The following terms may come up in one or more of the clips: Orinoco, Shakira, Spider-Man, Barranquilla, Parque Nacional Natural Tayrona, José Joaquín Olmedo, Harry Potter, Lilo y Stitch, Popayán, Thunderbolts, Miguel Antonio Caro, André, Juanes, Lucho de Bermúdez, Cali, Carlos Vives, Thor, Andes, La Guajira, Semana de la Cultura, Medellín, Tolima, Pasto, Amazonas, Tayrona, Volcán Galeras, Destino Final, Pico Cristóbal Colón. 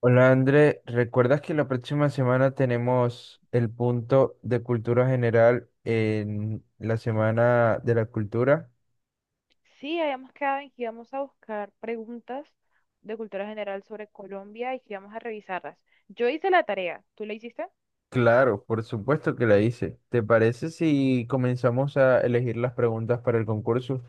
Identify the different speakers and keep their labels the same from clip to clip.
Speaker 1: Hola André, ¿recuerdas que la próxima semana tenemos el punto de cultura general en la Semana de la Cultura?
Speaker 2: Sí, habíamos quedado en que íbamos a buscar preguntas de cultura general sobre Colombia y que íbamos a revisarlas. Yo hice la tarea, ¿tú la hiciste?
Speaker 1: Claro, por supuesto que la hice. ¿Te parece si comenzamos a elegir las preguntas para el concurso?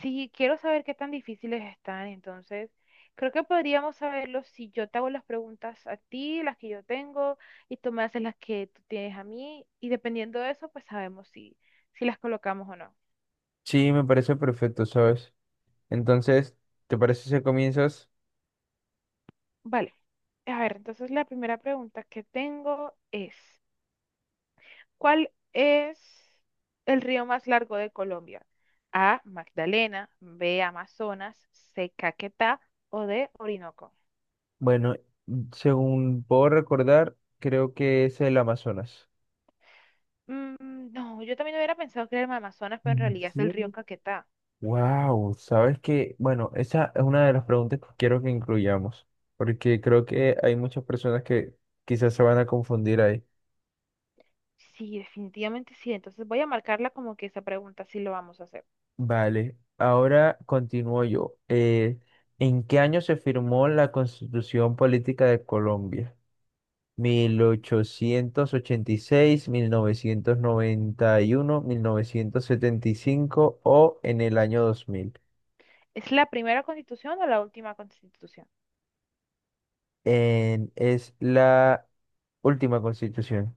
Speaker 2: Sí, quiero saber qué tan difíciles están, entonces creo que podríamos saberlo si yo te hago las preguntas a ti, las que yo tengo, y tú me haces las que tú tienes a mí, y dependiendo de eso, pues sabemos si las colocamos o no.
Speaker 1: Sí, me parece perfecto, ¿sabes? Entonces, ¿te parece si comienzas?
Speaker 2: Vale, a ver, entonces la primera pregunta que tengo es… ¿Cuál es el río más largo de Colombia? A, Magdalena, B, Amazonas, C, Caquetá o D, Orinoco.
Speaker 1: Bueno, según puedo recordar, creo que es el Amazonas.
Speaker 2: No, yo también hubiera pensado que era el Amazonas, pero en
Speaker 1: Mm,
Speaker 2: realidad es el río
Speaker 1: sí.
Speaker 2: Caquetá.
Speaker 1: Wow, sabes que, bueno, esa es una de las preguntas que quiero que incluyamos, porque creo que hay muchas personas que quizás se van a confundir ahí.
Speaker 2: Sí, definitivamente sí. Entonces voy a marcarla como que esa pregunta sí lo vamos a hacer.
Speaker 1: Vale, ahora continúo yo. ¿En qué año se firmó la Constitución Política de Colombia? Mil ochocientos ochenta y seis, novecientos noventa y uno, 1975, ¿o en el año 2000?
Speaker 2: ¿Es la primera constitución o la última constitución?
Speaker 1: Es la última constitución.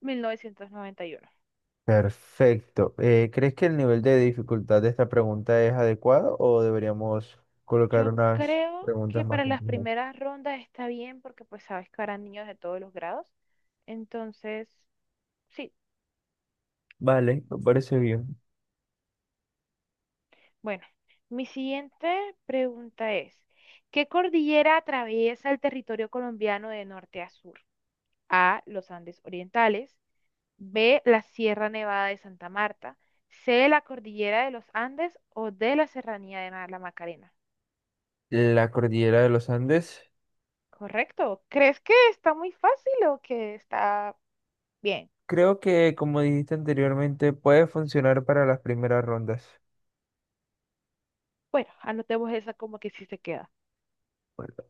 Speaker 2: 1991.
Speaker 1: Perfecto. ¿Crees que el nivel de dificultad de esta pregunta es adecuado o deberíamos colocar
Speaker 2: Yo
Speaker 1: unas
Speaker 2: creo
Speaker 1: preguntas
Speaker 2: que
Speaker 1: más
Speaker 2: para las
Speaker 1: complejas?
Speaker 2: primeras rondas está bien porque pues sabes que harán niños de todos los grados. Entonces, sí.
Speaker 1: Vale, me parece bien.
Speaker 2: Bueno, mi siguiente pregunta es, ¿qué cordillera atraviesa el territorio colombiano de norte a sur? A, los Andes Orientales, B, la Sierra Nevada de Santa Marta, C, la cordillera de los Andes o D, la Serranía de la Macarena.
Speaker 1: La cordillera de los Andes,
Speaker 2: Correcto. ¿Crees que está muy fácil o que está bien?
Speaker 1: creo que como dijiste anteriormente, puede funcionar para las primeras rondas.
Speaker 2: Bueno, anotemos esa como que sí se queda.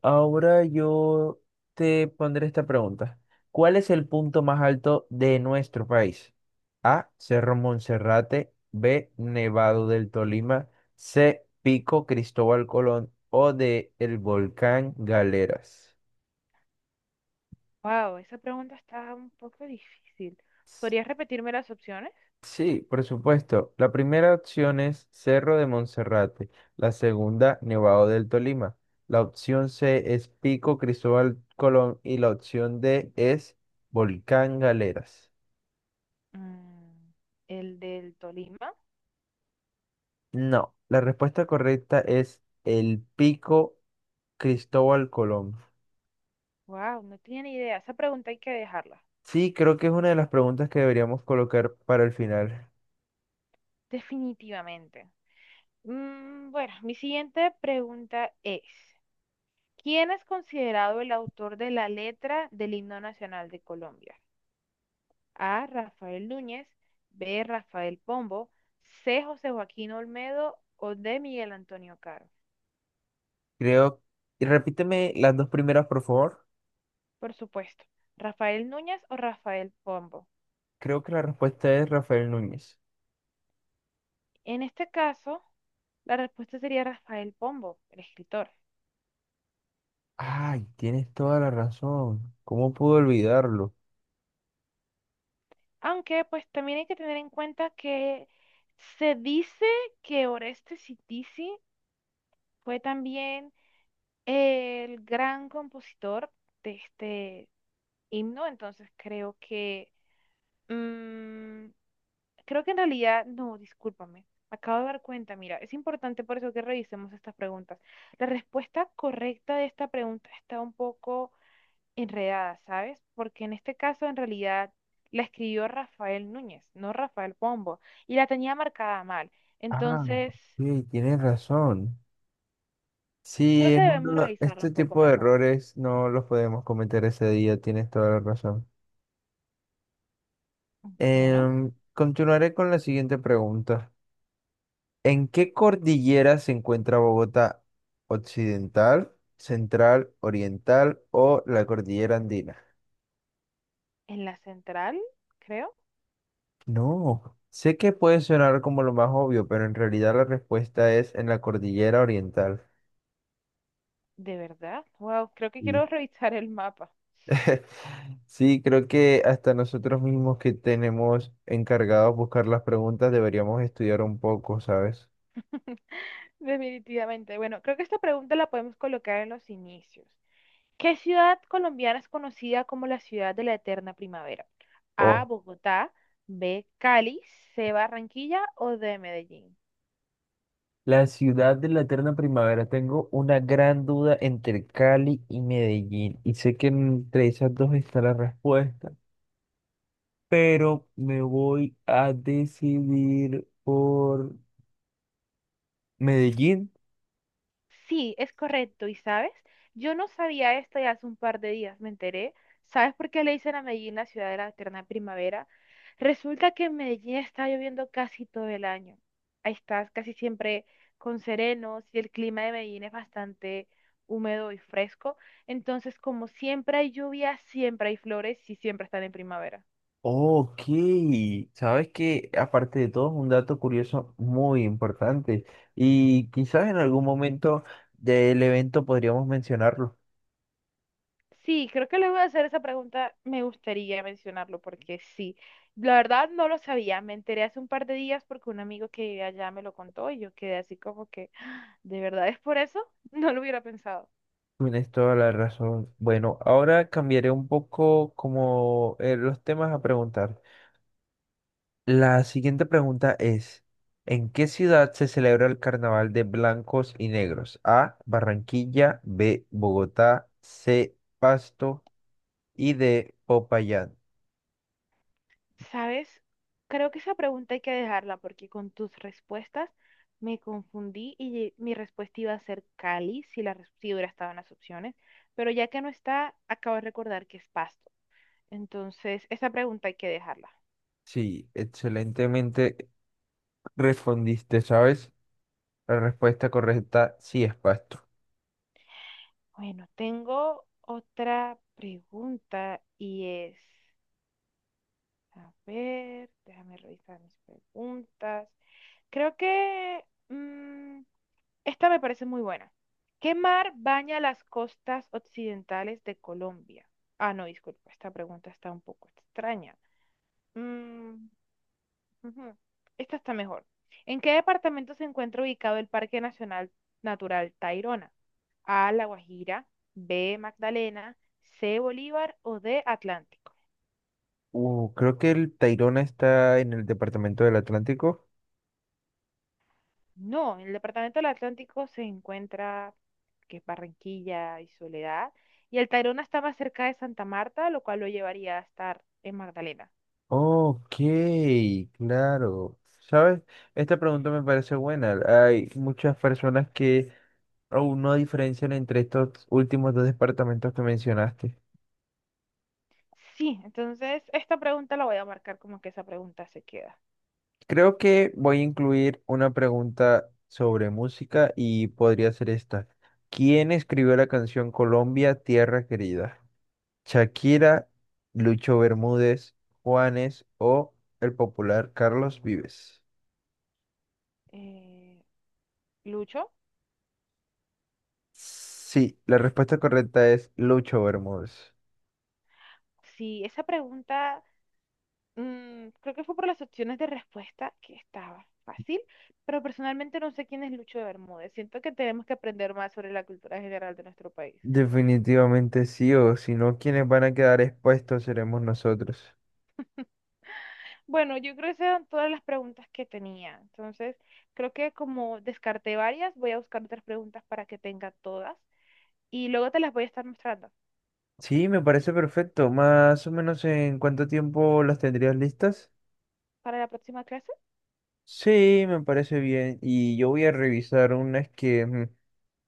Speaker 1: Ahora yo te pondré esta pregunta. ¿Cuál es el punto más alto de nuestro país? A, Cerro Monserrate. B, Nevado del Tolima. C, Pico Cristóbal Colón. O D, el volcán Galeras.
Speaker 2: Wow, esa pregunta está un poco difícil.
Speaker 1: S-
Speaker 2: ¿Podrías repetirme las opciones?
Speaker 1: Sí, por supuesto. La primera opción es Cerro de Monserrate. La segunda, Nevado del Tolima. La opción C es Pico Cristóbal Colón y la opción D es Volcán Galeras.
Speaker 2: Mm, el del Tolima.
Speaker 1: No, la respuesta correcta es el Pico Cristóbal Colón.
Speaker 2: Wow, no tenía ni idea. Esa pregunta hay que dejarla.
Speaker 1: Sí, creo que es una de las preguntas que deberíamos colocar para el final.
Speaker 2: Definitivamente. Bueno, mi siguiente pregunta es, ¿quién es considerado el autor de la letra del himno nacional de Colombia? A. Rafael Núñez, B. Rafael Pombo, C. José Joaquín Olmedo o D. Miguel Antonio Caro.
Speaker 1: Creo, y repíteme las dos primeras, por favor.
Speaker 2: Por supuesto, Rafael Núñez o Rafael Pombo.
Speaker 1: Creo que la respuesta es Rafael Núñez.
Speaker 2: En este caso, la respuesta sería Rafael Pombo, el escritor.
Speaker 1: Ay, tienes toda la razón. ¿Cómo pude olvidarlo?
Speaker 2: Aunque pues también hay que tener en cuenta que se dice que Oreste Citisi fue también el gran compositor de este himno, entonces creo que mm, creo que en realidad, no, discúlpame, me acabo de dar cuenta, mira, es importante por eso que revisemos estas preguntas. La respuesta correcta de esta pregunta está un poco enredada, ¿sabes? Porque en este caso, en realidad, la escribió Rafael Núñez, no Rafael Pombo, y la tenía marcada mal.
Speaker 1: Ah,
Speaker 2: Entonces,
Speaker 1: sí, tienes razón. Sí,
Speaker 2: creo que
Speaker 1: es
Speaker 2: debemos revisarla
Speaker 1: este
Speaker 2: un poco
Speaker 1: tipo de
Speaker 2: mejor.
Speaker 1: errores no los podemos cometer ese día, tienes toda la razón.
Speaker 2: Bueno,
Speaker 1: Continuaré con la siguiente pregunta. ¿En qué cordillera se encuentra Bogotá? ¿Occidental, central, oriental o la cordillera andina?
Speaker 2: en la central, creo,
Speaker 1: No, sé que puede sonar como lo más obvio, pero en realidad la respuesta es en la cordillera oriental.
Speaker 2: de verdad. Wow, creo que
Speaker 1: Mm.
Speaker 2: quiero revisar el mapa.
Speaker 1: Sí, creo que hasta nosotros mismos que tenemos encargados buscar las preguntas deberíamos estudiar un poco, ¿sabes?
Speaker 2: Definitivamente. Bueno, creo que esta pregunta la podemos colocar en los inicios. ¿Qué ciudad colombiana es conocida como la ciudad de la eterna primavera? A,
Speaker 1: O.
Speaker 2: Bogotá, B, Cali, C, Barranquilla o D, Medellín.
Speaker 1: La ciudad de la eterna primavera. Tengo una gran duda entre Cali y Medellín. Y sé que entre esas dos está la respuesta. Pero me voy a decidir por Medellín.
Speaker 2: Sí, es correcto. ¿Y sabes? Yo no sabía esto y hace un par de días me enteré. ¿Sabes por qué le dicen a Medellín la ciudad de la eterna primavera? Resulta que en Medellín está lloviendo casi todo el año. Ahí estás casi siempre con serenos y el clima de Medellín es bastante húmedo y fresco. Entonces, como siempre hay lluvia, siempre hay flores y siempre están en primavera.
Speaker 1: Ok. Sabes que aparte de todo es un dato curioso muy importante. Y quizás en algún momento del evento podríamos mencionarlo.
Speaker 2: Sí, creo que luego de hacer esa pregunta me gustaría mencionarlo porque sí, la verdad no lo sabía, me enteré hace un par de días porque un amigo que vive allá me lo contó y yo quedé así como que, ¿de verdad es por eso? No lo hubiera pensado.
Speaker 1: Tienes toda la razón. Bueno, ahora cambiaré un poco como los temas a preguntar. La siguiente pregunta es, ¿en qué ciudad se celebra el Carnaval de Blancos y Negros? A, Barranquilla, B, Bogotá, C, Pasto y D, Popayán.
Speaker 2: ¿Sabes? Creo que esa pregunta hay que dejarla porque con tus respuestas me confundí y mi respuesta iba a ser Cali si la si hubiera estado en las opciones, pero ya que no está, acabo de recordar que es Pasto. Entonces, esa pregunta hay que dejarla.
Speaker 1: Sí, excelentemente respondiste, ¿sabes? La respuesta correcta sí es Pasto.
Speaker 2: Bueno, tengo otra pregunta y es, a ver, déjame revisar mis preguntas. Creo que esta me parece muy buena. ¿Qué mar baña las costas occidentales de Colombia? Ah, no, disculpa, esta pregunta está un poco extraña. Mm. Ujú. Esta está mejor. ¿En qué departamento se encuentra ubicado el Parque Nacional Natural Tayrona? A, La Guajira, B, Magdalena, C, Bolívar o D, Atlántico.
Speaker 1: Creo que el Tayrona está en el departamento del Atlántico.
Speaker 2: No, en el departamento del Atlántico se encuentra que es Barranquilla y Soledad, y el Tayrona está más cerca de Santa Marta, lo cual lo llevaría a estar en Magdalena.
Speaker 1: Ok, claro. ¿Sabes? Esta pregunta me parece buena. Hay muchas personas que aún no diferencian entre estos últimos dos departamentos que mencionaste.
Speaker 2: Sí, entonces esta pregunta la voy a marcar como que esa pregunta se queda.
Speaker 1: Creo que voy a incluir una pregunta sobre música y podría ser esta. ¿Quién escribió la canción Colombia, Tierra Querida? ¿Shakira, Lucho Bermúdez, Juanes o el popular Carlos Vives?
Speaker 2: Eh, Lucho,
Speaker 1: Sí, la respuesta correcta es Lucho Bermúdez.
Speaker 2: si esa pregunta creo que fue por las opciones de respuesta que estaba fácil, pero personalmente no sé quién es Lucho de Bermúdez. Siento que tenemos que aprender más sobre la cultura general de nuestro país.
Speaker 1: Definitivamente sí, o si no, quienes van a quedar expuestos seremos nosotros.
Speaker 2: Bueno, yo creo que esas eran todas las preguntas que tenía. Entonces, creo que como descarté varias, voy a buscar otras preguntas para que tenga todas y luego te las voy a estar mostrando.
Speaker 1: Sí, me parece perfecto. Más o menos en cuánto tiempo las tendrías listas.
Speaker 2: ¿Para la próxima clase?
Speaker 1: Sí, me parece bien. Y yo voy a revisar unas que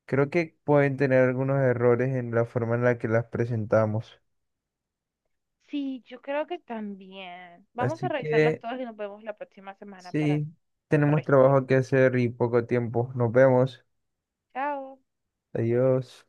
Speaker 1: creo que pueden tener algunos errores en la forma en la que las presentamos.
Speaker 2: Sí, yo creo que también. Vamos a
Speaker 1: Así
Speaker 2: revisarlas
Speaker 1: que
Speaker 2: todas y nos vemos la próxima semana para
Speaker 1: sí, tenemos
Speaker 2: regir.
Speaker 1: trabajo que hacer y poco tiempo. Nos vemos.
Speaker 2: Chao.
Speaker 1: Adiós.